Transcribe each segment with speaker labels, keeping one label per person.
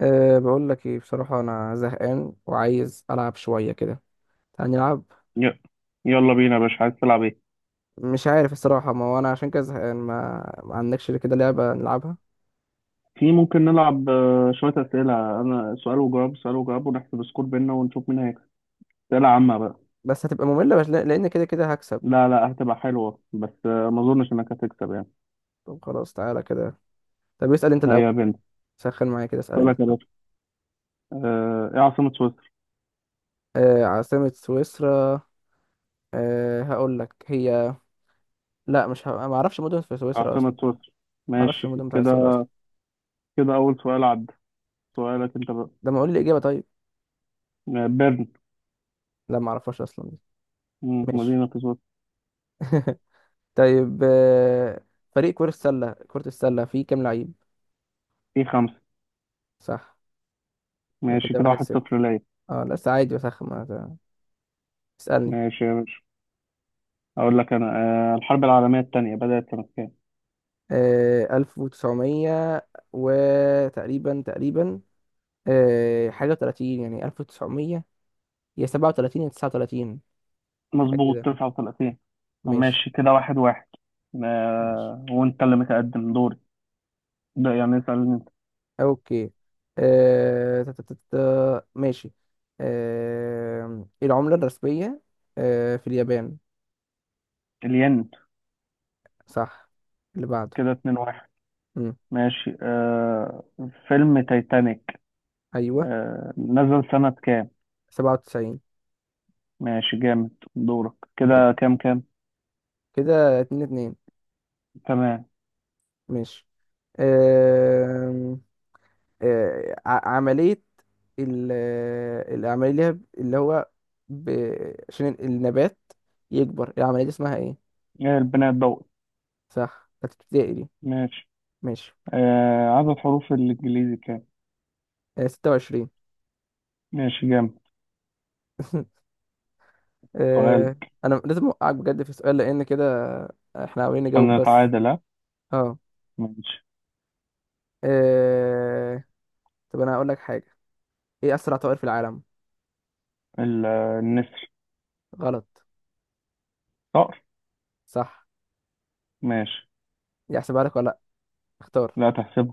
Speaker 1: بقول لك ايه بصراحة، انا زهقان وعايز العب شوية كده. تعال نلعب.
Speaker 2: ي- يلا بينا يا باشا، عايز تلعب ايه؟
Speaker 1: مش عارف الصراحة، ما هو انا عشان كده زهقان، ما عندكش كده لعبة نلعبها؟
Speaker 2: في ممكن نلعب شوية أسئلة. أنا سؤال وجواب سؤال وجواب، ونحسب سكور بينا ونشوف مين هيكسب. أسئلة عامة بقى.
Speaker 1: بس هتبقى مملة، بس لان كده كده هكسب.
Speaker 2: لا لا، هتبقى حلوة بس ما أظنش إنك هتكسب يعني.
Speaker 1: طب خلاص تعالى كده. طب اسأل انت الاول.
Speaker 2: هيا بنت.
Speaker 1: سخن معايا كده، اسأل انت
Speaker 2: سؤالك يا
Speaker 1: الاول.
Speaker 2: باشا. إيه عاصمة سويسرا؟
Speaker 1: عاصمة سويسرا. هقول لك هي. لا، مش ما اعرفش مدن في سويسرا اصلا.
Speaker 2: عاصمة سويسرا،
Speaker 1: ما اعرفش
Speaker 2: ماشي
Speaker 1: المدن بتاع سويسرا
Speaker 2: كده.
Speaker 1: اصلا.
Speaker 2: كده أول سؤال عدى. سؤالك أنت بقى.
Speaker 1: ده ما اقول لي اجابة طيب.
Speaker 2: بيرن.
Speaker 1: لا، ما اعرفهاش اصلا. ماشي.
Speaker 2: مدينة في سويسرا.
Speaker 1: طيب، فريق كرة السلة فيه كام لعيب؟
Speaker 2: في خمسة.
Speaker 1: صح. يبقى
Speaker 2: ماشي
Speaker 1: كده
Speaker 2: كده،
Speaker 1: واحد
Speaker 2: واحد
Speaker 1: صفر
Speaker 2: صفر ليا.
Speaker 1: اه لا، بس عادي بسخن ما. اسألني.
Speaker 2: ماشي يا باشا. أقول لك أنا. الحرب العالمية التانية بدأت سنة كام؟
Speaker 1: ألف وتسعمية، وتقريبا، حاجة وتلاتين، يعني ألف وتسعمية، يا سبعة وتلاتين يا تسعة وتلاتين. حاجة
Speaker 2: مظبوط،
Speaker 1: كده.
Speaker 2: 39.
Speaker 1: ماشي.
Speaker 2: ماشي كده، 1-1.
Speaker 1: ماشي.
Speaker 2: وانت اللي متقدم دوري. ده يعني اسألني انت.
Speaker 1: أوكي. ماشي. العملة الرسمية في اليابان؟
Speaker 2: الين.
Speaker 1: صح. اللي بعده.
Speaker 2: كده 2-1.
Speaker 1: مم.
Speaker 2: ماشي. فيلم تايتانيك.
Speaker 1: أيوه.
Speaker 2: نزل سنة كام؟
Speaker 1: 97.
Speaker 2: ماشي جامد. دورك كده، كام كام؟
Speaker 1: كده 2-2.
Speaker 2: تمام.
Speaker 1: ماشي. آه عملية، العملية اللي هي اللي هو ب... عشان النبات يكبر، العملية دي اسمها ايه؟
Speaker 2: ايه؟ البناء الضوئي.
Speaker 1: صح، بتاعت ابتدائي دي.
Speaker 2: ماشي.
Speaker 1: ماشي.
Speaker 2: عدد حروف الإنجليزي كام؟
Speaker 1: 26.
Speaker 2: ماشي جامد.
Speaker 1: آه،
Speaker 2: سؤالك.
Speaker 1: انا لازم اوقعك بجد في السؤال لان كده، احنا عاوزين نجاوب
Speaker 2: أنا
Speaker 1: بس.
Speaker 2: أتعادل ها؟
Speaker 1: اه.
Speaker 2: ماشي.
Speaker 1: آه، طب انا هقول لك حاجة. ايه اسرع طائر في العالم؟
Speaker 2: ال- النسر.
Speaker 1: غلط.
Speaker 2: صقر.
Speaker 1: صح.
Speaker 2: ماشي.
Speaker 1: دي احسبها لك ولا لا؟ اختار.
Speaker 2: لا، تحسب.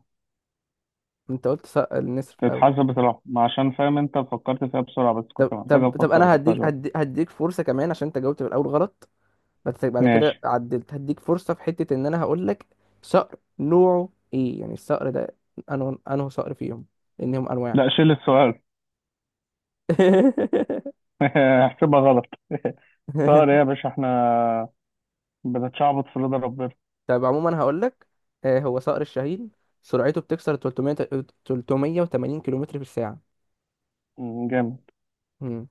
Speaker 1: انت قلت النسر في الاول.
Speaker 2: تتحسب بصراحة، ما عشان فاهم انت فكرت فيها بسرعة، بس كنت
Speaker 1: طب،
Speaker 2: محتاج
Speaker 1: طب، طب،
Speaker 2: افكر
Speaker 1: انا
Speaker 2: اكتر
Speaker 1: هديك
Speaker 2: شوية.
Speaker 1: هدي- هديك فرصة كمان، عشان انت جاوبت في الاول غلط. بس بعد
Speaker 2: ماشي.
Speaker 1: كده عدلت، هديك فرصة في حتة ان انا هقول لك. صقر نوعه ايه، يعني الصقر ده؟ انه صقر فيهم، لانهم انواع.
Speaker 2: لا، شيل السؤال. احسبها غلط. طائر ايه يا باشا، احنا بنتشعبط في رضا ربنا.
Speaker 1: طب عموما هقول لك، هو صقر الشاهين، سرعته بتكسر 300، 380 كيلومتر في الساعة.
Speaker 2: جامد.
Speaker 1: مم.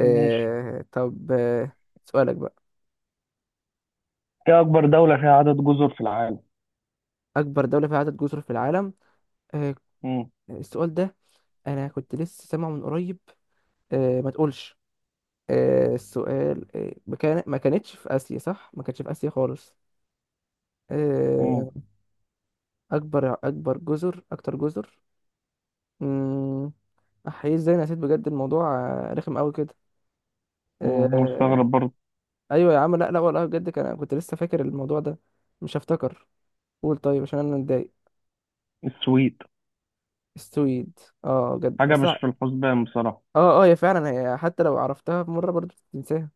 Speaker 2: ماشي.
Speaker 1: طب سؤالك بقى.
Speaker 2: ايه اكبر دولة فيها عدد جزر في العالم؟
Speaker 1: اكبر دولة فيها عدد جزر في العالم؟ آه،
Speaker 2: مم،
Speaker 1: السؤال ده، انا كنت لسه سامعه من قريب. ما تقولش. السؤال، ما كانتش في آسيا صح؟ ما كانتش في آسيا خالص.
Speaker 2: مم،
Speaker 1: آه أكبر جزر، أكتر جزر. مم. أحيي، إزاي أنا نسيت بجد الموضوع؟ رخم أوي كده. آه
Speaker 2: مستغرب برضه.
Speaker 1: أيوة يا عم، لا، لا والله، بجد كنت لسه فاكر الموضوع ده. مش هفتكر. قول طيب، عشان أنا متضايق.
Speaker 2: السويد.
Speaker 1: السويد؟ اه بجد
Speaker 2: حاجة مش
Speaker 1: أصلا؟
Speaker 2: في الحسبان بصراحة.
Speaker 1: اه، اه، هي فعلا، هي حتى لو عرفتها مرة برضه بتنساها.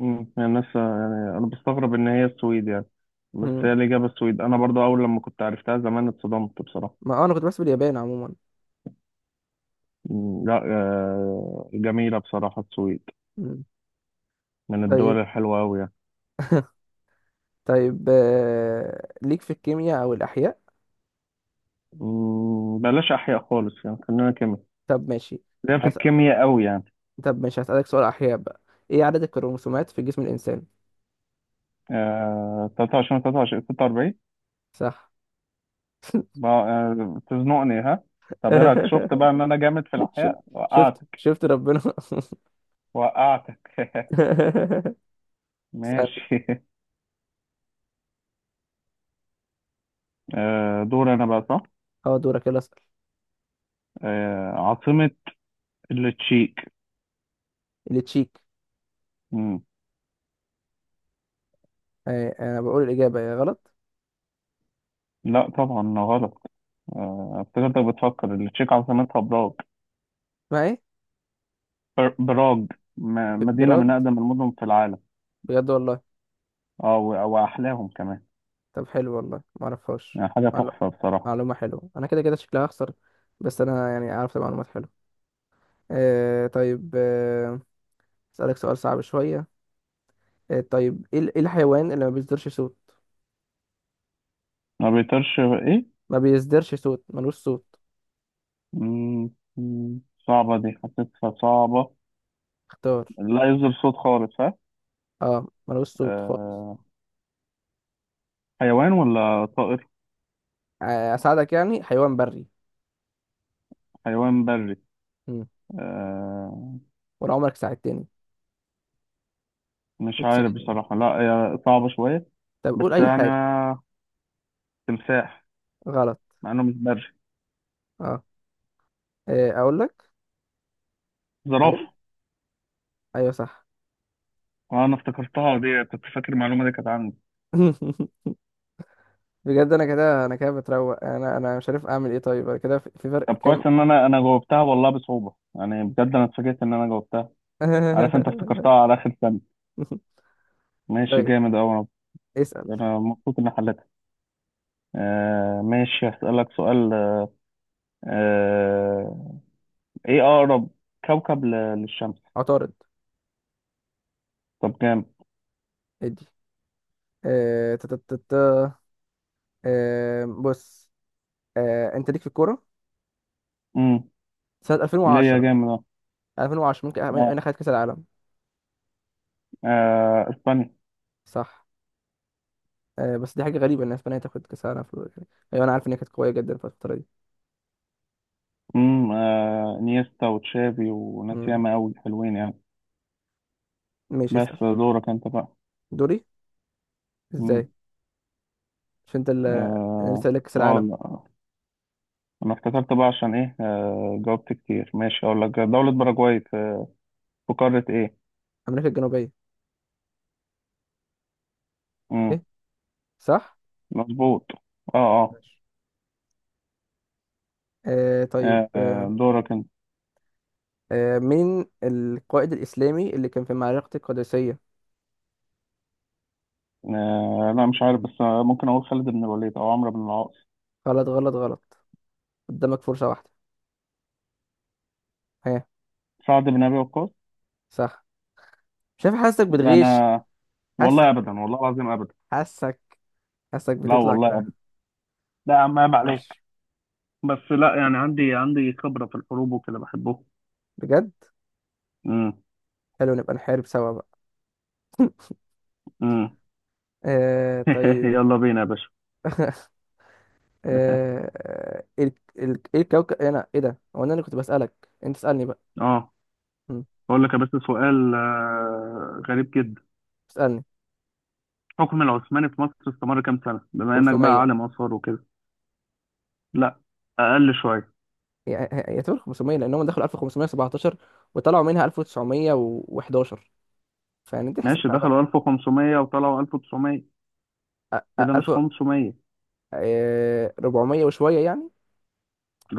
Speaker 2: يعني الناس، يعني انا بستغرب ان هي السويد يعني. بس هي
Speaker 1: مم.
Speaker 2: الإجابة السويد. أنا برضو أول لما كنت عرفتها زمان اتصدمت بصراحة.
Speaker 1: ما أنا كنت بحسب اليابان عموما.
Speaker 2: لا، جميلة بصراحة السويد.
Speaker 1: مم.
Speaker 2: من
Speaker 1: طيب.
Speaker 2: الدول الحلوة أوي يعني.
Speaker 1: طيب، ليك في الكيمياء او الاحياء؟
Speaker 2: بلاش أحياء خالص يعني، خلينا كيمياء.
Speaker 1: طب ماشي.
Speaker 2: ليا في
Speaker 1: هس...
Speaker 2: الكيمياء أوي يعني.
Speaker 1: طب ماشي، هسألك سؤال احياء بقى. ايه عدد الكروموسومات في جسم الانسان؟
Speaker 2: 23 23 46.
Speaker 1: صح.
Speaker 2: تزنقني ها؟ طب إيه رأيك، شفت بقى إن أنا جامد في
Speaker 1: شو-
Speaker 2: الأحياء،
Speaker 1: شفت
Speaker 2: وقعتك.
Speaker 1: شفت ربنا.
Speaker 2: وقعتك.
Speaker 1: اسأل.
Speaker 2: ماشي. دور أنا بقى، صح.
Speaker 1: اه، دورك، يلا اسأل.
Speaker 2: عاصمة التشيك.
Speaker 1: اللي تشيك.
Speaker 2: مم،
Speaker 1: انا بقول الاجابة يا غلط.
Speaker 2: لا طبعا غلط. افتكرتك بتفكر التشيك عاصمتها براغ.
Speaker 1: ما ايه.
Speaker 2: براغ. مدينة من
Speaker 1: براد،
Speaker 2: أقدم المدن في العالم.
Speaker 1: بجد والله؟
Speaker 2: و- وأحلاهم كمان.
Speaker 1: طب حلو والله، ما اعرفهاش.
Speaker 2: يعني حاجة
Speaker 1: معلو-
Speaker 2: تحفة بصراحة.
Speaker 1: معلومة حلوة، انا كده كده شكلها هخسر، بس انا يعني عرفت معلومات حلوة. طيب اسألك سؤال صعب شوية. طيب، إيه الحيوان اللي ما بيصدرش صوت؟
Speaker 2: ما بيطيرش؟ إيه؟
Speaker 1: ما بيصدرش صوت، ملوش صوت.
Speaker 2: مم، مم، صعبة دي، حسيتها صعبة.
Speaker 1: اختار.
Speaker 2: لا يصدر صوت خالص ها؟
Speaker 1: اه ملوش صوت خالص.
Speaker 2: أه. حيوان ولا طائر؟
Speaker 1: اساعدك، يعني حيوان بري.
Speaker 2: حيوان بري.
Speaker 1: مم.
Speaker 2: أه،
Speaker 1: ولا عمرك ساعدتني.
Speaker 2: مش
Speaker 1: كنت
Speaker 2: عارف
Speaker 1: ساعدني.
Speaker 2: بصراحة، لا هي صعبة شوية.
Speaker 1: طب
Speaker 2: بس
Speaker 1: قول اي
Speaker 2: يعني،
Speaker 1: حاجه.
Speaker 2: تمساح.
Speaker 1: غلط.
Speaker 2: مع إنه مش بري.
Speaker 1: اه. اقول لك. اقول.
Speaker 2: زرافة.
Speaker 1: ايوه صح.
Speaker 2: أنا افتكرتها دي، كنت فاكر المعلومة دي كانت عندي.
Speaker 1: بجد انا كده بتروق، انا مش عارف اعمل ايه، طيب انا كده في فرق
Speaker 2: طب كويس
Speaker 1: كام؟
Speaker 2: ان انا جاوبتها والله، بصعوبه يعني، بجد انا اتفاجئت ان انا جاوبتها. عارف انت افتكرتها على اخر ثانيه. ماشي
Speaker 1: طيب
Speaker 2: جامد اوي. انا
Speaker 1: اسال.
Speaker 2: انا مبسوط اني حلتها. ماشي، هسألك سؤال. آه ايه اقرب كوكب للشمس؟
Speaker 1: عطارد.
Speaker 2: طب جامد.
Speaker 1: ادي. آه، تا- تا- تا- تا. بص. انت ليك في الكوره
Speaker 2: امم
Speaker 1: سنة
Speaker 2: ليه يا
Speaker 1: 2010.
Speaker 2: جامد؟ اه
Speaker 1: 2010 ممكن من
Speaker 2: اه.
Speaker 1: خدت كأس العالم؟
Speaker 2: اسبانيا.
Speaker 1: صح. بس دي حاجة غريبة إن أسبانيا تاخد كأس العالم في الوقت ده. أيوة، أنا عارف إن هي كانت قوية جدا في الفترة دي.
Speaker 2: نيستا وتشافي وناس
Speaker 1: مم.
Speaker 2: ياما اوي حلوين يعني.
Speaker 1: ماشي،
Speaker 2: بس
Speaker 1: اسأل.
Speaker 2: دورك انت بقى.
Speaker 1: دوري؟
Speaker 2: امم
Speaker 1: إزاي؟ مش أنت اللي أنا لسه
Speaker 2: اه،
Speaker 1: قايل لك كأس العالم؟
Speaker 2: لا انا افتكرت بقى عشان ايه، جاوبت كتير. ماشي، اقول لك: دولة باراجواي في قارة ايه؟
Speaker 1: أمريكا الجنوبية.
Speaker 2: امم
Speaker 1: إيه، صح؟
Speaker 2: مظبوط، اه اه.
Speaker 1: ماشي. طيب
Speaker 2: دورك انت.
Speaker 1: مين القائد الإسلامي اللي كان في معركة القادسية؟
Speaker 2: لا مش عارف، بس ممكن اقول خالد بن الوليد او عمرو بن العاص.
Speaker 1: غلط، غلط، غلط. قدامك فرصة واحدة. ها؟
Speaker 2: سعد بن ابي وقاص.
Speaker 1: صح. شايف، حاسك
Speaker 2: لا،
Speaker 1: بتغش.
Speaker 2: انا والله
Speaker 1: حاسك،
Speaker 2: ابدا، والله العظيم ابدا.
Speaker 1: حاسك، حاسك
Speaker 2: لا
Speaker 1: بتطلع
Speaker 2: والله
Speaker 1: كده.
Speaker 2: ابدا. لا يا عم، عيب عليك.
Speaker 1: ماشي.
Speaker 2: بس لا يعني، عندي خبرة في الحروب وكده بحبه.
Speaker 1: بجد.
Speaker 2: امم.
Speaker 1: حلو، نبقى نحارب سوا بقى.
Speaker 2: امم.
Speaker 1: طيب.
Speaker 2: يلا بينا يا باشا.
Speaker 1: آه ال- ايه الكوكب، إيه انا ايه ده، هو انا اللي كنت بسألك؟ انت اسألني بقى.
Speaker 2: اه،
Speaker 1: مم.
Speaker 2: اقول لك يا باشا سؤال غريب جدا.
Speaker 1: اسألني.
Speaker 2: الحكم العثماني في مصر استمر كام سنة، بما إنك بقى
Speaker 1: 500.
Speaker 2: عالم آثار وكده؟ لا. أقل شوية.
Speaker 1: يعتبر 500، لانهم دخلوا 1517 وطلعوا منها 1911، فيعني انت
Speaker 2: ماشي،
Speaker 1: احسبها بقى.
Speaker 2: دخلوا 1500 وطلعوا 1900. كده مش
Speaker 1: 1000.
Speaker 2: 500؟
Speaker 1: 400 وشوية يعني.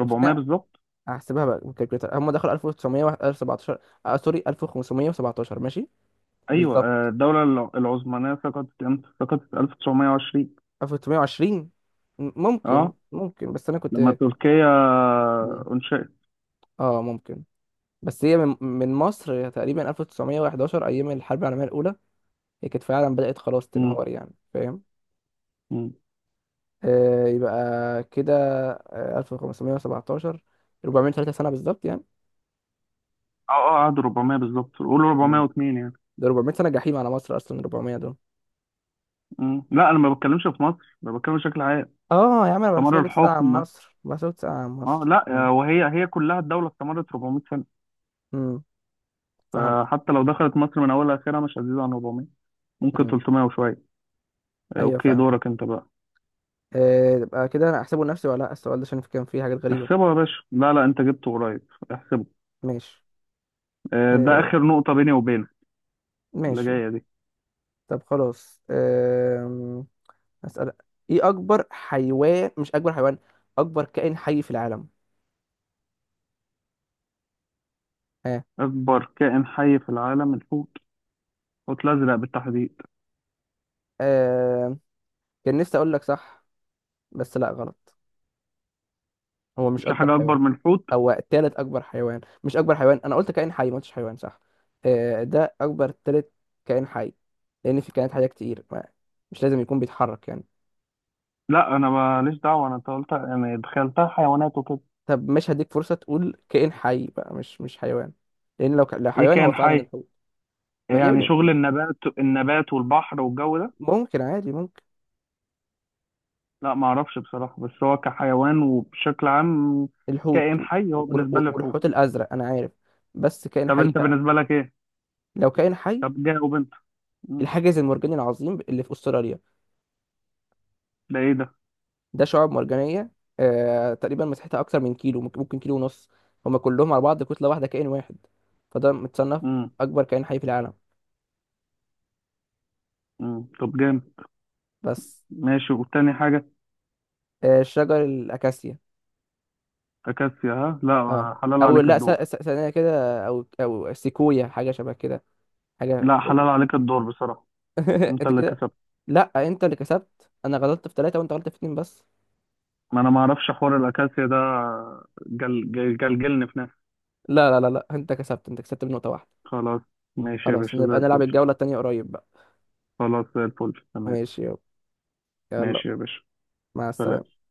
Speaker 1: طب استنى،
Speaker 2: بالظبط.
Speaker 1: هحسبها بقى بالكالكوليتر. هم دخلوا 1917، سوري، 1517، ماشي،
Speaker 2: أيوة،
Speaker 1: بالظبط.
Speaker 2: الدولة العثمانية سقطت إمتى؟ سقطت 1920.
Speaker 1: 1920؟ ممكن
Speaker 2: أه،
Speaker 1: ممكن بس انا
Speaker 2: لما
Speaker 1: كنت.
Speaker 2: تركيا أنشئت.
Speaker 1: اه ممكن. بس هي، من مصر تقريبا 1911 ايام الحرب العالميه الاولى، هي كانت فعلا بدات خلاص
Speaker 2: مم،
Speaker 1: تنهار، يعني فاهم.
Speaker 2: مم.
Speaker 1: يبقى كده، 1517، 403 سنه بالظبط يعني.
Speaker 2: أه أه، قعدوا 400 بالظبط، قولوا
Speaker 1: مم.
Speaker 2: 402 يعني.
Speaker 1: ده 400 سنه جحيم على مصر، اصلا 400 دول.
Speaker 2: مم. لا، أنا ما بتكلمش في مصر، أنا بتكلم بشكل عام.
Speaker 1: اه يا عم، انا
Speaker 2: استمر
Speaker 1: بحسبك بتسال عن
Speaker 2: الحكم.
Speaker 1: مصر، بحسبك بتسال عن
Speaker 2: أه،
Speaker 1: مصر،
Speaker 2: لا،
Speaker 1: اه.
Speaker 2: وهي هي كلها الدولة استمرت 400.
Speaker 1: امم فهمت.
Speaker 2: فحتى لو دخلت مصر من اولها لاخرها، مش هتزيد عن 400. ممكن
Speaker 1: امم
Speaker 2: 300 وشويه.
Speaker 1: ايوه
Speaker 2: اوكي،
Speaker 1: فاهم.
Speaker 2: دورك انت بقى.
Speaker 1: يبقى كده انا احسبه لنفسي ولا لا؟ السؤال ده عشان كان فيه حاجات غريبه.
Speaker 2: احسبه يا باشا، لا لا، انت جبته قريب، احسبه.
Speaker 1: ماشي.
Speaker 2: ده
Speaker 1: آه
Speaker 2: اخر نقطه بيني وبينك. اللي
Speaker 1: ماشي.
Speaker 2: جايه دي.
Speaker 1: طب خلاص، أسأل. إيه أكبر حيوان، مش أكبر حيوان، أكبر كائن حي في العالم؟ ها؟
Speaker 2: اكبر كائن حي في العالم الحوت. الحوت الازرق بالتحديد.
Speaker 1: آه. كان نفسي أقول لك صح، بس لا، غلط. هو
Speaker 2: مش
Speaker 1: مش أكبر
Speaker 2: حاجه
Speaker 1: حيوان.
Speaker 2: اكبر من الحوت.
Speaker 1: هو تالت أكبر حيوان، مش أكبر حيوان، أنا قلت كائن حي، ما قلتش حيوان، صح. ده أكبر تالت كائن حي، لأن في كائنات حية كتير، ما مش لازم يكون بيتحرك يعني.
Speaker 2: لا، انا ماليش دعوه، انا قلت يعني دخلتها حيوانات وكده.
Speaker 1: طب مش هديك فرصة تقول كائن حي بقى، مش حيوان، لأن لو
Speaker 2: ايه
Speaker 1: حيوان هو
Speaker 2: كائن
Speaker 1: فعلا
Speaker 2: حي؟
Speaker 1: الحوت. ما... يا
Speaker 2: يعني
Speaker 1: ابني
Speaker 2: شغل النبات النبات والبحر والجو ده.
Speaker 1: ممكن عادي، ممكن.
Speaker 2: لا، ما اعرفش بصراحه، بس هو كحيوان وبشكل عام.
Speaker 1: الحوت
Speaker 2: كائن حي هو بالنسبه لي الحوت.
Speaker 1: والحوت الازرق انا عارف، بس كائن
Speaker 2: طب
Speaker 1: حي
Speaker 2: انت
Speaker 1: بقى.
Speaker 2: بالنسبه لك ايه؟
Speaker 1: لو كائن حي،
Speaker 2: طب جاوب انت. مم.
Speaker 1: الحاجز المرجاني العظيم اللي في استراليا.
Speaker 2: ده ايه ده؟
Speaker 1: ده شعاب مرجانيه، تقريبا مساحتها اكتر من كيلو، ممكن كيلو ونص. هما كلهم على بعض كتله واحده، كائن واحد، فده متصنف
Speaker 2: مم.
Speaker 1: اكبر كائن حي في العالم.
Speaker 2: مم. طب جامد.
Speaker 1: بس.
Speaker 2: ماشي، والتاني حاجه؟
Speaker 1: شجر الاكاسيا.
Speaker 2: اكاسيا ها؟
Speaker 1: اه.
Speaker 2: لا، حلال
Speaker 1: او
Speaker 2: عليك
Speaker 1: لا،
Speaker 2: الدور.
Speaker 1: ثانيه كده، او سيكويا، حاجه شبه كده، حاجه.
Speaker 2: لا، حلال عليك الدور بصراحه. انت
Speaker 1: انت
Speaker 2: اللي
Speaker 1: كده،
Speaker 2: كسبت.
Speaker 1: لا انت اللي كسبت، انا غلطت في ثلاثه وانت غلطت في اتنين بس.
Speaker 2: ما انا ما اعرفش حوار الاكاسيا ده. جل جل جلجلني في نفسي.
Speaker 1: لا، لا، لا، لا، انت كسبت، انت كسبت بنقطة واحدة.
Speaker 2: خلاص. ماشي يا
Speaker 1: خلاص،
Speaker 2: باشا، زي
Speaker 1: نبقى نلعب
Speaker 2: الفل.
Speaker 1: الجولة التانية قريب بقى.
Speaker 2: خلاص، زي الفل، تمام.
Speaker 1: ماشي، يلا. يلا.
Speaker 2: ماشي يا باشا.
Speaker 1: مع
Speaker 2: سلام.
Speaker 1: السلامة.